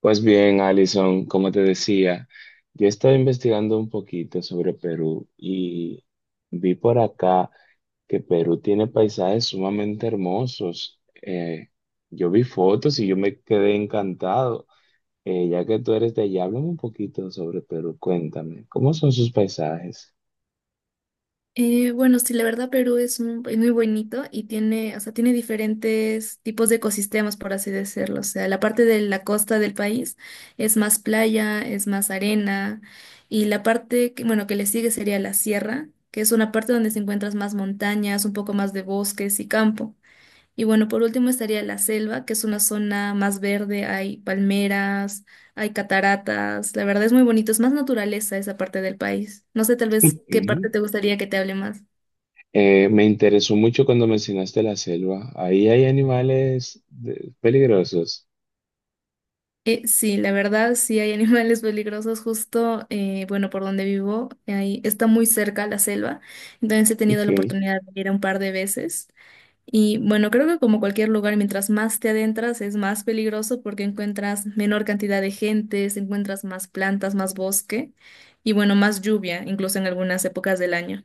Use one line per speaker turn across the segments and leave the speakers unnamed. Pues bien, Alison, como te decía, yo estaba investigando un poquito sobre Perú y vi por acá que Perú tiene paisajes sumamente hermosos. Yo vi fotos y yo me quedé encantado. Ya que tú eres de allá, háblame un poquito sobre Perú, cuéntame, ¿cómo son sus paisajes?
Bueno, sí, la verdad Perú es, es muy bonito y tiene, o sea, tiene diferentes tipos de ecosistemas, por así decirlo. O sea, la parte de la costa del país es más playa, es más arena y la parte que, bueno, que le sigue sería la sierra, que es una parte donde se encuentras más montañas, un poco más de bosques y campo. Y bueno, por último estaría la selva, que es una zona más verde, hay palmeras, hay cataratas, la verdad es muy bonito, es más naturaleza esa parte del país. No sé tal vez qué
Ujú.
parte te gustaría que te hable más.
Me interesó mucho cuando mencionaste la selva. Ahí hay animales de- peligrosos.
Sí, la verdad sí hay animales peligrosos justo, bueno, por donde vivo, ahí está muy cerca la selva, entonces he tenido
Ok.
la oportunidad de ir un par de veces. Y bueno, creo que como cualquier lugar, mientras más te adentras es más peligroso porque encuentras menor cantidad de gentes, encuentras más plantas, más bosque y bueno, más lluvia, incluso en algunas épocas del año.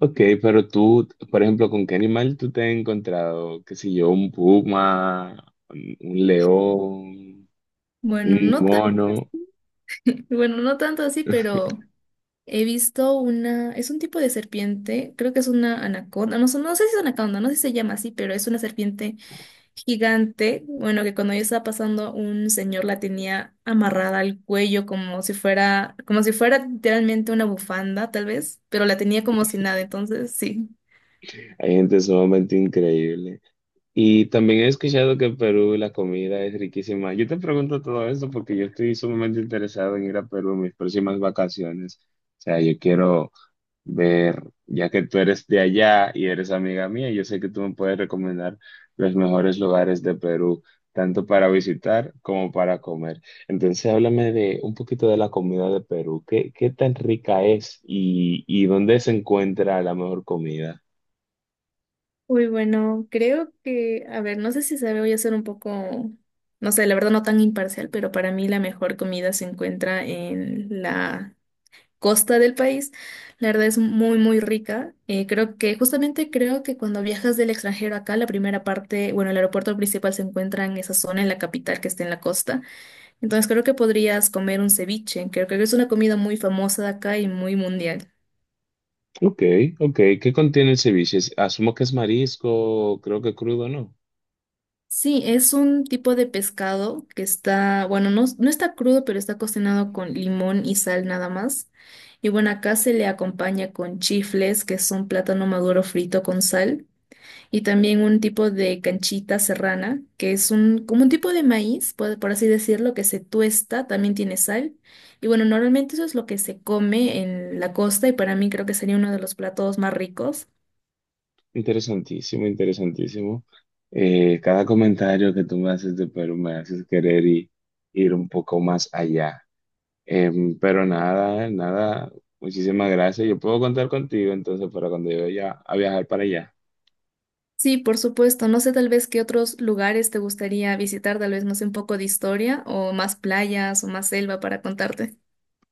Ok, pero tú, por ejemplo, ¿con qué animal tú te has encontrado? ¿Qué sé yo? ¿Un puma? ¿Un león?
Bueno,
¿Un
no tan,
mono?
bueno, no tanto así, pero he visto una, es un tipo de serpiente, creo que es una anaconda, no, no sé si es anaconda, no sé si se llama así, pero es una serpiente gigante, bueno, que cuando yo estaba pasando, un señor la tenía amarrada al cuello como si fuera literalmente una bufanda, tal vez, pero la tenía como si nada, entonces sí.
Hay gente sumamente increíble. Y también he escuchado que en Perú la comida es riquísima. Yo te pregunto todo esto porque yo estoy sumamente interesado en ir a Perú en mis próximas vacaciones. O sea, yo quiero ver, ya que tú eres de allá y eres amiga mía, yo sé que tú me puedes recomendar los mejores lugares de Perú, tanto para visitar como para comer. Entonces, háblame de un poquito de la comida de Perú. ¿Qué tan rica es y dónde se encuentra la mejor comida?
Uy, bueno, creo que, a ver, no sé si sabe, voy a ser un poco, no sé, la verdad no tan imparcial, pero para mí la mejor comida se encuentra en la costa del país, la verdad es muy, muy rica. Creo que, justamente creo que cuando viajas del extranjero acá, la primera parte, bueno, el aeropuerto principal se encuentra en esa zona, en la capital que está en la costa. Entonces creo que podrías comer un ceviche, creo que es una comida muy famosa de acá y muy mundial.
Ok, ok. ¿Qué contiene el ceviche? Asumo que es marisco, creo que crudo, ¿no?
Sí, es un tipo de pescado que está, bueno, no, no está crudo, pero está cocinado con limón y sal nada más. Y bueno, acá se le acompaña con chifles, que son plátano maduro frito con sal. Y también un tipo de canchita serrana, que es un, como un tipo de maíz, por así decirlo, que se tuesta, también tiene sal. Y bueno, normalmente eso es lo que se come en la costa y para mí creo que sería uno de los platos más ricos.
Interesantísimo, interesantísimo. Cada comentario que tú me haces de Perú me haces ir un poco más allá. Pero nada, muchísimas gracias. Yo puedo contar contigo entonces para cuando yo vaya a viajar para allá.
Sí, por supuesto. No sé tal vez qué otros lugares te gustaría visitar, tal vez no sé un poco de historia o más playas o más selva para contarte.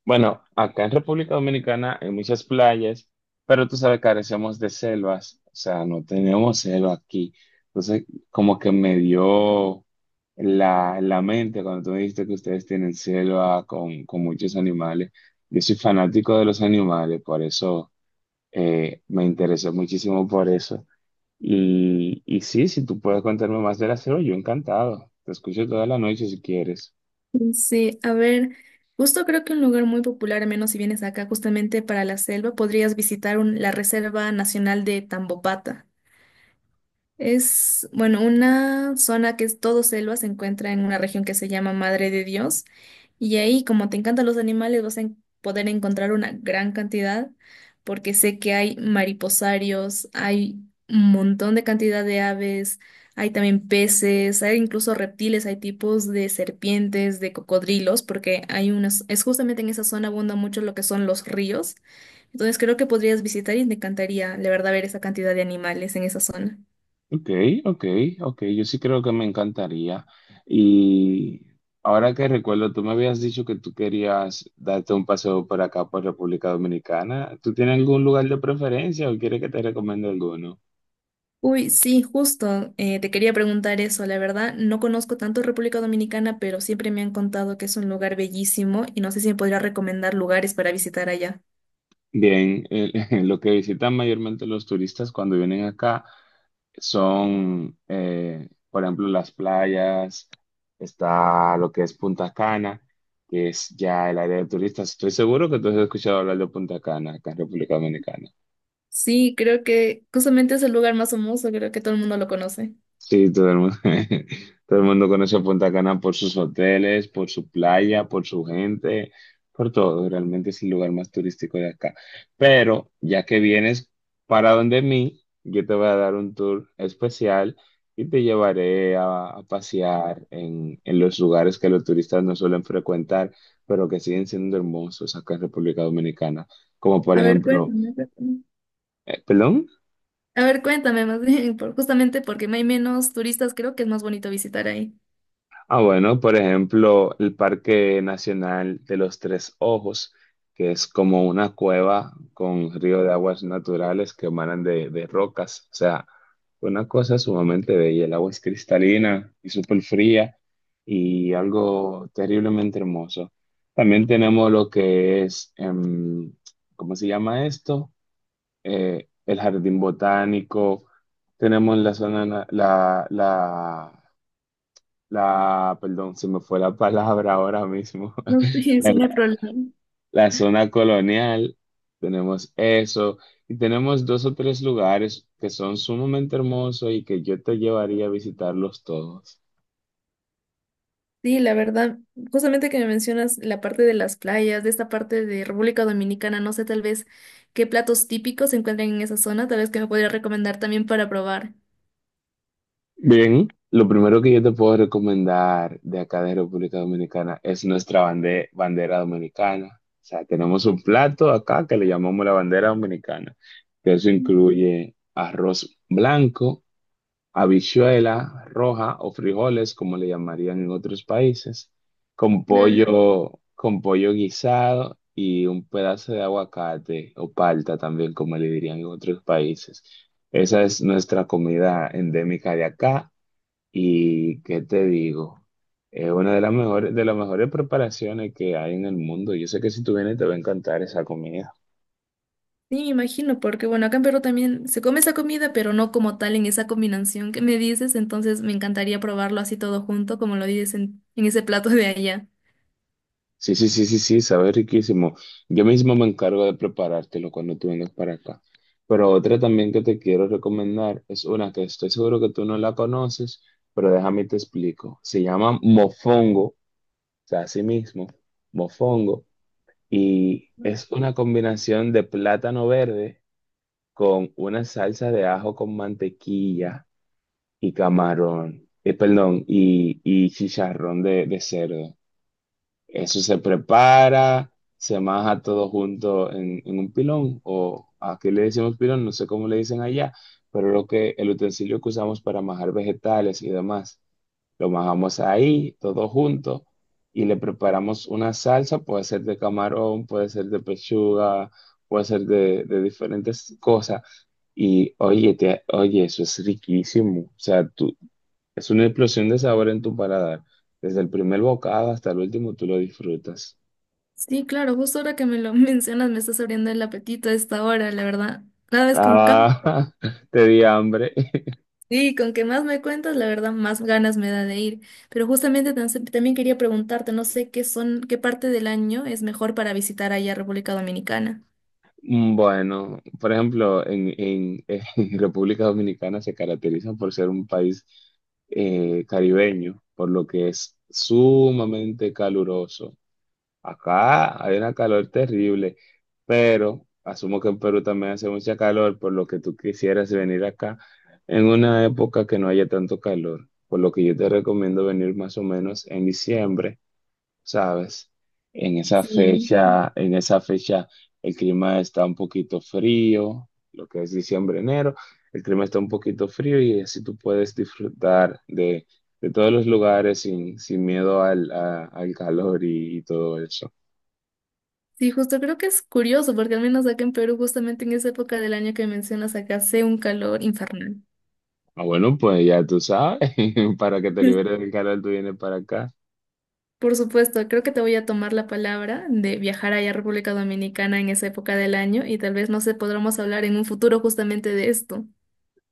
Bueno, acá en República Dominicana hay muchas playas, pero tú sabes, carecemos de selvas, o sea, no tenemos selva aquí. Entonces, como que me dio la mente cuando tú me dijiste que ustedes tienen selva con muchos animales. Yo soy fanático de los animales, por eso me interesó muchísimo por eso. Y sí, si tú puedes contarme más de la selva, yo encantado. Te escucho toda la noche si quieres.
Sí, a ver, justo creo que un lugar muy popular, al menos si vienes acá justamente para la selva, podrías visitar la Reserva Nacional de Tambopata. Es, bueno, una zona que es todo selva, se encuentra en una región que se llama Madre de Dios. Y ahí, como te encantan los animales, vas a poder encontrar una gran cantidad, porque sé que hay mariposarios, hay un montón de cantidad de aves, hay también peces, hay incluso reptiles, hay tipos de serpientes, de cocodrilos, porque hay unas, es justamente en esa zona abunda mucho lo que son los ríos. Entonces creo que podrías visitar y me encantaría, la verdad, ver esa cantidad de animales en esa zona.
Ok, ok, ok, yo sí creo que me encantaría. Y ahora que recuerdo, tú me habías dicho que tú querías darte un paseo por acá, por República Dominicana. ¿Tú tienes algún lugar de preferencia o quieres que te recomiende alguno?
Uy, sí, justo. Te quería preguntar eso. La verdad, no conozco tanto República Dominicana, pero siempre me han contado que es un lugar bellísimo y no sé si me podría recomendar lugares para visitar allá.
Bien, lo que visitan mayormente los turistas cuando vienen acá son, por ejemplo, las playas, está lo que es Punta Cana, que es ya el área de turistas. Estoy seguro que tú has escuchado hablar de Punta Cana acá en República Dominicana.
Sí, creo que justamente es el lugar más famoso, creo que todo el mundo lo conoce.
Sí, todo el mundo, todo el mundo conoce a Punta Cana por sus hoteles, por su playa, por su gente, por todo. Realmente es el lugar más turístico de acá. Pero ya que vienes para donde mí, yo te voy a dar un tour especial y te llevaré a pasear en los lugares que los turistas no suelen frecuentar, pero que siguen siendo hermosos acá en República Dominicana. Como por
A ver,
ejemplo,
cuéntame. Cuéntame.
¿perdón?
A ver, cuéntame más bien, justamente porque hay menos turistas, creo que es más bonito visitar ahí.
Ah, bueno, por ejemplo, el Parque Nacional de los Tres Ojos, que es como una cueva con río de aguas naturales que emanan de rocas. O sea, una cosa sumamente bella. El agua es cristalina y súper fría y algo terriblemente hermoso. También tenemos lo que es, ¿cómo se llama esto? El jardín botánico. Tenemos la, la perdón, se me fue la palabra ahora mismo,
No, sí,
la,
sí, no hay
la
problema.
la zona colonial, tenemos eso, y tenemos dos o tres lugares que son sumamente hermosos y que yo te llevaría a visitarlos todos.
Sí, la verdad, justamente que me mencionas la parte de las playas, de esta parte de República Dominicana, no sé tal vez qué platos típicos se encuentran en esa zona, tal vez que me podría recomendar también para probar.
Bien, lo primero que yo te puedo recomendar de acá de República Dominicana es bandera dominicana. O sea, tenemos un plato acá que le llamamos la bandera dominicana, que eso
Mm.
incluye arroz blanco, habichuela roja o frijoles, como le llamarían en otros países,
Claro.
con pollo guisado y un pedazo de aguacate o palta también, como le dirían en otros países. Esa es nuestra comida endémica de acá y ¿qué te digo? Es una de las mejores preparaciones que hay en el mundo. Yo sé que si tú vienes te va a encantar esa comida.
Sí, me imagino, porque bueno, acá en Perú también se come esa comida, pero no como tal en esa combinación que me dices, entonces me encantaría probarlo así todo junto, como lo dices en ese plato de allá.
Sí, sí, sí, sí, sí, sabe riquísimo. Yo mismo me encargo de preparártelo cuando tú vengas para acá. Pero otra también que te quiero recomendar es una que estoy seguro que tú no la conoces, pero déjame y te explico. Se llama mofongo, o sea, así mismo, mofongo, y es una combinación de plátano verde con una salsa de ajo con mantequilla y camarón, perdón, y chicharrón de cerdo. Eso se prepara, se maja todo junto en un pilón, o aquí le decimos pilón, no sé cómo le dicen allá, pero lo que, el utensilio que usamos para majar vegetales y demás, lo majamos ahí, todo junto, y le preparamos una salsa, puede ser de camarón, puede ser de pechuga, puede ser de diferentes cosas, y oye, oye, eso es riquísimo, o sea, tú, es una explosión de sabor en tu paladar, desde el primer bocado hasta el último tú lo disfrutas.
Sí, claro, justo ahora que me lo mencionas me estás abriendo el apetito a esta hora, la verdad. Cada vez con
Ah, te di hambre.
sí, con que más me cuentas, la verdad, más ganas me da de ir. Pero justamente también quería preguntarte, no sé qué son, qué parte del año es mejor para visitar allá a República Dominicana.
Bueno, por ejemplo, en República Dominicana se caracteriza por ser un país caribeño, por lo que es sumamente caluroso. Acá hay una calor terrible, pero asumo que en Perú también hace mucha calor, por lo que tú quisieras venir acá en una época que no haya tanto calor, por lo que yo te recomiendo venir más o menos en diciembre, ¿sabes?
Sí.
En esa fecha el clima está un poquito frío, lo que es diciembre, enero, el clima está un poquito frío y así tú puedes disfrutar de todos los lugares sin, sin miedo al calor y todo eso.
Sí, justo creo que es curioso, porque al menos acá en Perú, justamente en esa época del año que mencionas acá, hace un calor infernal.
Ah, bueno, pues ya tú sabes, para que te liberes del calor, tú vienes para acá.
Por supuesto, creo que te voy a tomar la palabra de viajar allá a República Dominicana en esa época del año y tal vez no se podremos hablar en un futuro justamente de esto.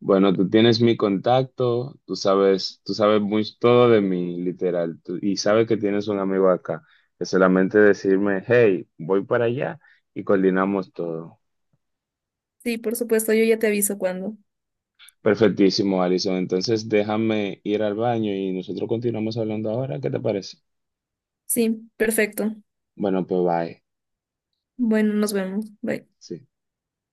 Bueno, tú tienes mi contacto, tú sabes muy todo de mí, literal, y sabes que tienes un amigo acá. Es solamente decirme, hey, voy para allá y coordinamos todo.
Sí, por supuesto, yo ya te aviso cuando.
Perfectísimo, Alison. Entonces déjame ir al baño y nosotros continuamos hablando ahora. ¿Qué te parece?
Sí, perfecto.
Bueno, pues bye.
Bueno, nos vemos. Bye.
Sí.